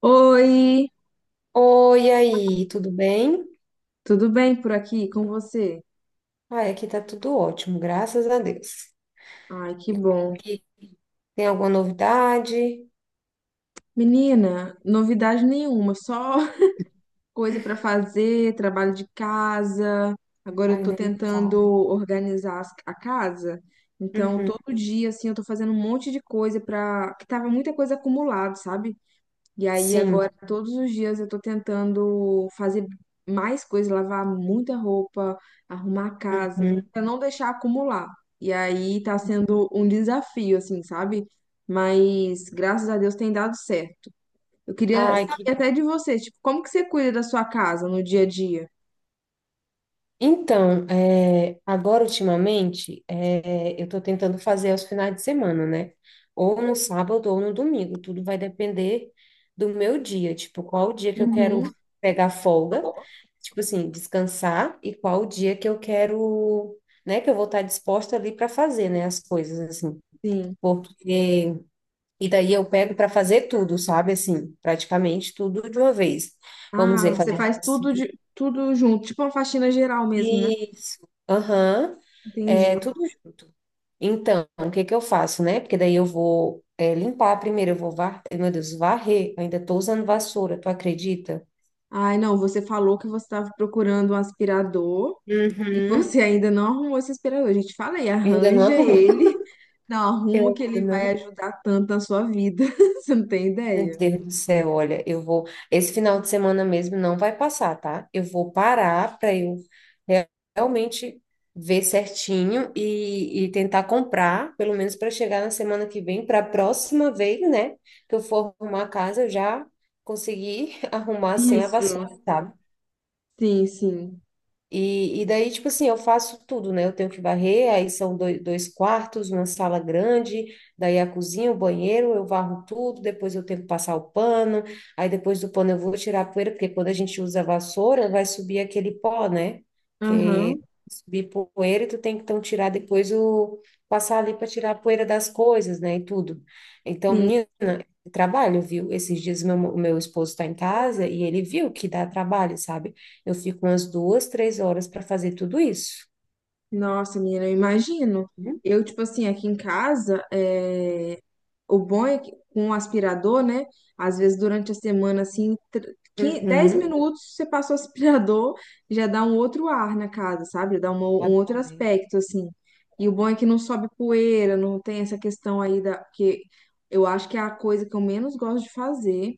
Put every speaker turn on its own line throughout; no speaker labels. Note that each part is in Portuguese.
Oi,
Oi, e aí, tudo bem?
tudo bem por aqui com você?
Ai, aqui tá tudo ótimo, graças a Deus.
Ai, que
E
bom.
aqui, tem alguma novidade?
Menina, novidade nenhuma, só coisa pra fazer, trabalho de casa. Agora eu
Ai,
tô
nem me
tentando
fala.
organizar a casa. Então,
Uhum.
todo dia assim, eu tô fazendo um monte de coisa pra que tava muita coisa acumulada, sabe? E aí
Sim.
agora todos os dias eu tô tentando fazer mais coisas, lavar muita roupa, arrumar a casa,
Uhum.
pra não deixar acumular. E aí tá sendo um desafio, assim, sabe? Mas graças a Deus tem dado certo. Eu queria
Ai, que...
saber até de você, tipo, como que você cuida da sua casa no dia a dia?
Então, agora ultimamente, eu estou tentando fazer aos finais de semana, né? Ou no sábado ou no domingo. Tudo vai depender do meu dia, tipo, qual o dia que eu quero
Uhum,
pegar folga, tipo assim, descansar, e qual o dia que eu quero, né, que eu vou estar disposta ali para fazer, né, as coisas, assim.
sim.
Porque, e daí eu pego para fazer tudo, sabe? Assim, praticamente tudo de uma vez. Vamos
Ah,
dizer,
você
fazer
faz tudo de tudo junto, tipo uma faxina geral mesmo, né?
isso. Aham.
Entendi.
É tudo junto. Então, o que que eu faço, né? Porque daí eu vou limpar primeiro, eu vou var... meu Deus, varrer. Eu ainda tô usando vassoura, tu acredita?
Ai, não, você falou que você estava procurando um aspirador. E
Uhum.
você ainda não arrumou esse aspirador. Gente falei,
Ainda não
arranja
arrumou.
ele, não
Eu
arruma que
ainda
ele vai
não...
ajudar tanto na sua vida. Você não tem
Meu
ideia?
Deus do céu, olha, eu vou. Esse final de semana mesmo não vai passar, tá? Eu vou parar para eu re- realmente ver certinho e tentar comprar, pelo menos para chegar na semana que vem, para a próxima vez, né? Que eu for arrumar a casa, eu já conseguir arrumar sem a
Isso.
vassoura, sabe?
Sim, sim.
E daí, tipo assim, eu faço tudo, né? Eu tenho que varrer, aí são dois quartos, uma sala grande, daí a cozinha, o banheiro, eu varro tudo, depois eu tenho que passar o pano, aí depois do pano eu vou tirar a poeira, porque quando a gente usa a vassoura, vai subir aquele pó, né? Que
Aham.
subir poeira e tu tem que então tirar depois o... passar ali para tirar a poeira das coisas, né? E tudo. Então, menina, trabalho, viu? Esses dias meu esposo está em casa e ele viu que dá trabalho, sabe? Eu fico umas três horas para fazer tudo isso.
Nossa, menina, eu imagino.
Uhum.
Eu, tipo assim, aqui em casa, é, o bom é que com o aspirador, né? Às vezes durante a semana, assim, 10
Uhum.
minutos você passa o aspirador, já dá um outro ar na casa, sabe? Já dá
Já
um
dá,
outro
né?
aspecto, assim. E o
Sim.
bom é que não sobe poeira, não tem essa questão aí da. Porque eu acho que é a coisa que eu menos gosto de fazer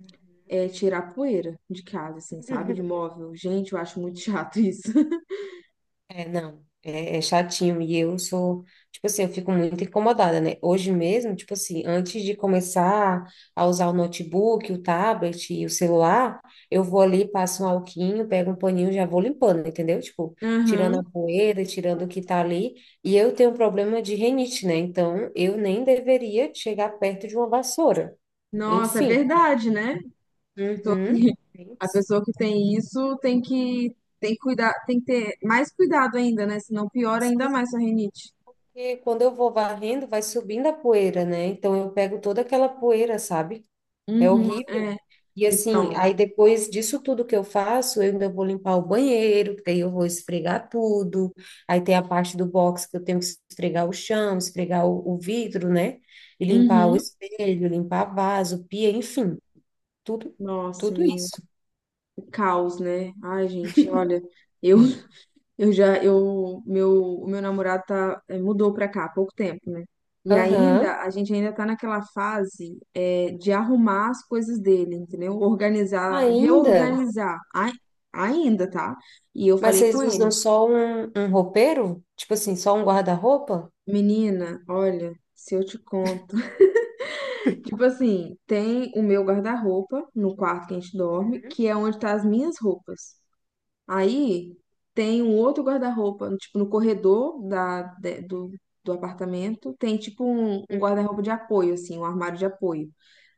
Uhum.
é tirar poeira de casa, assim, sabe? De móvel. Gente, eu acho muito chato isso.
É, não, é chatinho e eu sou, tipo assim, eu fico muito incomodada, né? Hoje mesmo, tipo assim, antes de começar a usar o notebook, o tablet e o celular, eu vou ali, passo um alquinho, pego um paninho, e já vou limpando, entendeu? Tipo, tirando
Aham.
a poeira, tirando o que tá ali. E eu tenho um problema de rinite, né? Então, eu nem deveria chegar perto de uma vassoura. E
Nossa, é
sim.
verdade, né? pessoa
Uhum.
que, a
Isso.
pessoa que tem isso tem que cuidar, tem que ter mais cuidado ainda, né? Senão piora ainda
Sim,
mais a rinite.
porque quando eu vou varrendo, vai subindo a poeira, né? Então eu pego toda aquela poeira, sabe? É
Uhum,
horrível.
é.
E assim,
Então,
aí depois disso tudo que eu faço, eu ainda vou limpar o banheiro, que daí eu vou esfregar tudo. Aí tem a parte do box que eu tenho que esfregar o chão, esfregar o vidro, né? E limpar o
uhum.
espelho, limpar vaso, pia, enfim, tudo,
Nossa,
tudo
menino,
isso.
que caos, né? Ai, gente, olha, eu
É.
eu já eu meu o meu namorado tá mudou pra cá há pouco tempo, né? E
Aham.
ainda a gente ainda tá naquela fase de arrumar as coisas dele, entendeu? Organizar,
Ainda.
reorganizar. Ai, ainda, tá? E eu
Mas
falei com
vocês
ele,
usam só um roupeiro? Tipo assim, só um guarda-roupa?
Menina, olha, se eu te conto. Tipo assim, tem o meu guarda-roupa no quarto que a gente dorme,
Uhum,
que é onde tá as minhas roupas. Aí tem um outro guarda-roupa, tipo, no corredor do apartamento, tem tipo um
uhum.
guarda-roupa de apoio, assim, um armário de apoio.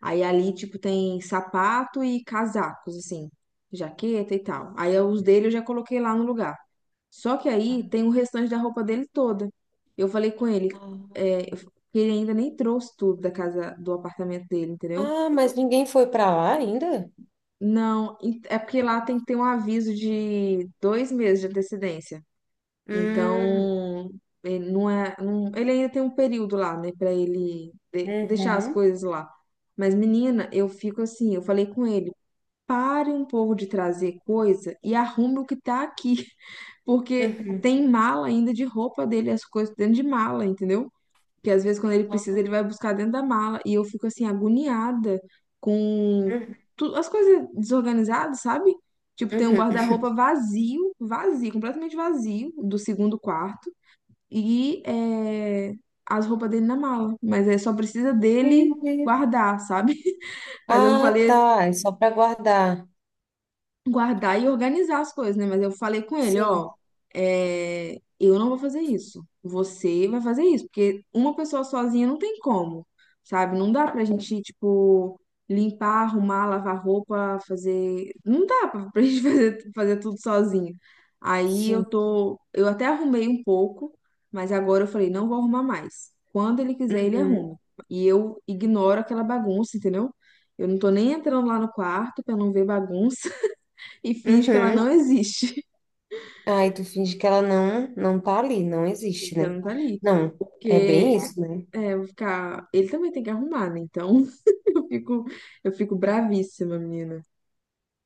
Aí ali, tipo, tem sapato e casacos, assim, jaqueta e tal. Aí os dele eu já coloquei lá no lugar. Só que
Ah...
aí tem o restante da roupa dele toda. Eu falei com ele, que ele ainda nem trouxe tudo da casa, do apartamento dele, entendeu?
Ah, mas ninguém foi para lá ainda?
Não, é porque lá tem que ter um aviso de 2 meses de antecedência.
Hum,
Então, ele não é, não- ele ainda tem um período lá, né, pra ele deixar as
uhum.
coisas lá. Mas, menina, eu fico assim, eu falei com ele, pare um pouco de trazer coisa e arrume o que tá aqui. Porque
Uhum.
tem mala ainda de roupa dele, as coisas dentro de mala, entendeu? Que às vezes quando ele
Ah,
precisa, ele vai buscar dentro da mala. E eu fico assim, agoniada com
uhum,
as coisas desorganizadas, sabe? Tipo, tem um
uhum.
guarda-roupa vazio, vazio, completamente vazio, do segundo quarto. E as roupas dele na mala. Mas é só precisa dele
Meu Deus.
guardar, sabe? Mas eu
Ah,
falei
tá. É só para guardar.
guardar e organizar as coisas, né? Mas eu falei com ele, ó,
Sim,
eu não vou fazer isso. Você vai fazer isso, porque uma pessoa sozinha não tem como, sabe? Não dá pra gente, tipo, limpar, arrumar, lavar roupa, fazer. Não dá pra gente fazer, tudo sozinho. Aí eu
sim.
tô. Eu até arrumei um pouco, mas agora eu falei, não vou arrumar mais. Quando ele quiser, ele
Uhum.
arruma. E eu ignoro aquela bagunça, entendeu? Eu não tô nem entrando lá no quarto pra não ver bagunça e finge que ela não
Uhum.
existe.
Aí tu finge que ela não tá ali, não
Finge
existe,
que ela
né?
não tá ali.
Não, é
Porque
bem isso, né?
eu vou ficar. Ele também tem que arrumar, né? Então eu fico, eu fico bravíssima, menina.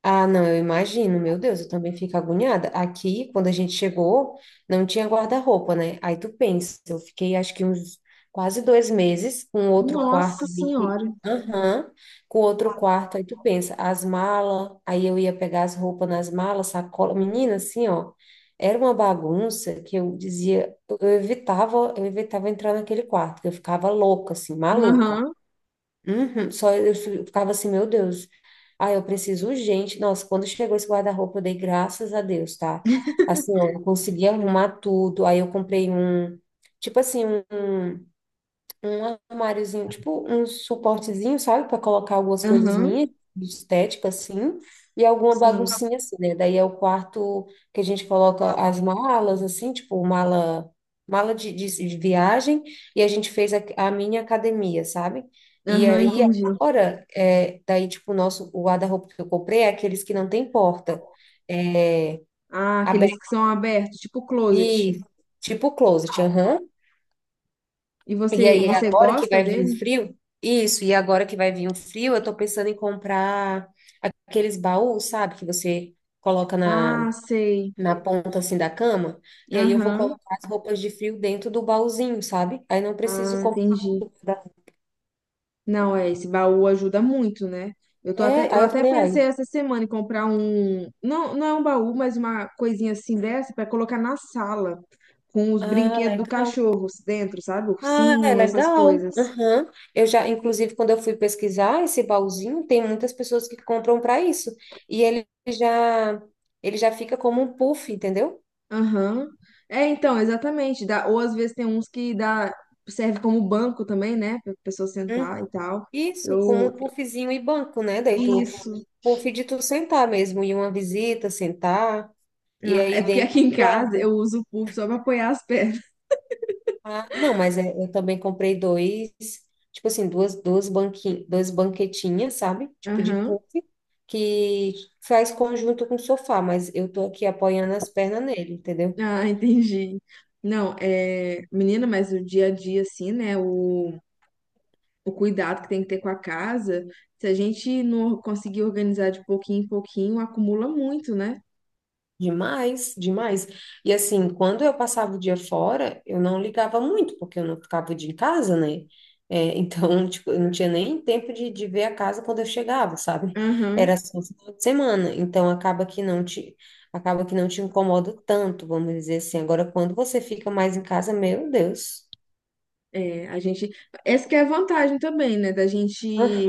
Ah, não, eu imagino, meu Deus, eu também fico agoniada. Aqui, quando a gente chegou, não tinha guarda-roupa, né? Aí tu pensa, eu fiquei acho que uns quase 2 meses com outro quarto
Nossa
ali que...
senhora.
Aham, com outro quarto, aí tu pensa, as malas, aí eu ia pegar as roupas nas malas, sacola, menina, assim, ó, era uma bagunça que eu dizia, eu evitava, eu evitava entrar naquele quarto, que eu ficava louca, assim, maluca.
Aham,
Uhum, só eu ficava assim, meu Deus. Ah, eu preciso urgente. Nossa, quando chegou esse guarda-roupa, eu dei graças a Deus, tá? Assim, ó, eu consegui arrumar tudo. Aí eu comprei um, tipo assim, um um armáriozinho, tipo um suportezinho, sabe, para colocar algumas coisas
aham,
minhas, de estética assim, e alguma
sim.
baguncinha assim, né? Daí é o quarto que a gente coloca as malas assim, tipo mala de viagem, e a gente fez a minha academia, sabe? E
Aham,
aí
entendi.
agora, daí tipo o guarda-roupa que eu comprei é aqueles que não tem porta, é,
Ah, aqueles
aberto
que são abertos, tipo closet.
e tipo closet, aham.
E
E
você,
aí,
você
agora que
gosta
vai vir o
dele?
frio, isso, e agora que vai vir o frio, eu tô pensando em comprar aqueles baús, sabe, que você coloca
Ah, sei.
na ponta assim da cama, e aí eu vou
Aham.
colocar as roupas de frio dentro do baúzinho, sabe? Aí não preciso
Ah,
comprar.
entendi. Não, esse baú ajuda muito, né? Eu tô até,
É,
eu
aí eu
até
falei, ai,
pensei essa semana em comprar um, não, não é um baú, mas uma coisinha assim dessa para colocar na sala, com os
ah,
brinquedos do
legal.
cachorro dentro, sabe?
Ah, é
Ursinho, essas
legal.
coisas.
Aham. Eu já, inclusive, quando eu fui pesquisar esse baúzinho, tem muitas pessoas que compram para isso. E ele já, ele já fica como um puff, entendeu?
Aham. É, então, exatamente. Dá, ou às vezes tem uns que dá, serve como banco também, né? Pra pessoa sentar
Hum.
e tal.
Isso, como
Eu,
um puffzinho e banco, né? Daí tu,
isso.
puff de tu sentar mesmo, em uma visita, sentar, e
Ah,
aí
é porque
dentro
aqui em casa eu
guarda.
uso o puff só pra apoiar as pernas.
Ah, não, mas é... eu também comprei dois, tipo assim, duas banquinhas, duas banquetinhas, sabe? Tipo de
Aham.
puff, que faz conjunto com o sofá, mas eu tô aqui apoiando as pernas nele, entendeu?
Ah, entendi. Não, é, menina, mas o dia a dia, assim, né? O cuidado que tem que ter com a casa, se a gente não conseguir organizar de pouquinho em pouquinho, acumula muito, né?
Demais, demais. E assim, quando eu passava o dia fora, eu não ligava muito, porque eu não ficava o dia em casa, né? É, então, tipo, eu não tinha nem tempo de ver a casa quando eu chegava, sabe?
Aham.
Era só no final de semana. Então, acaba que não te incomoda tanto, vamos dizer assim. Agora, quando você fica mais em casa, meu Deus.
É, a gente. Essa que é a vantagem também, né? Da gente.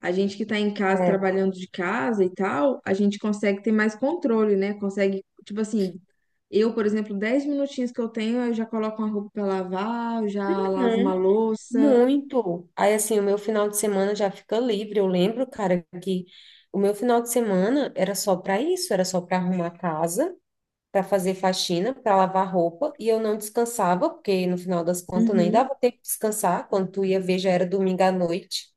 A gente que tá em casa,
É.
trabalhando de casa e tal, a gente consegue ter mais controle, né? Consegue, tipo assim, eu, por exemplo, 10 minutinhos que eu tenho, eu já coloco uma roupa pra lavar, eu já lavo uma
Uhum.
louça.
Muito. Aí, assim, o meu final de semana já fica livre. Eu lembro, cara, que o meu final de semana era só para isso, era só para arrumar a casa, para fazer faxina, para lavar roupa, e eu não descansava, porque no final das contas nem
Uhum,
dava tempo de descansar. Quando tu ia ver, já era domingo à noite,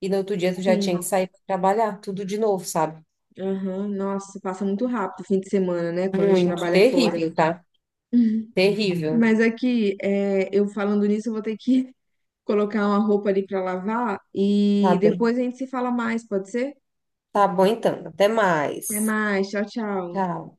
e no outro dia tu já tinha
sim.
que sair para trabalhar, tudo de novo, sabe?
Aham. Nossa, passa muito rápido o fim de semana, né? Quando a gente
Muito
trabalha fora.
terrível, tá?
Uhum.
Terrível.
Mas aqui, eu falando nisso, eu vou ter que colocar uma roupa ali pra lavar
Tá
e
bem.
depois a gente se fala mais, pode ser?
Tá bom, então. Até
Até
mais.
mais, tchau, tchau.
Tchau.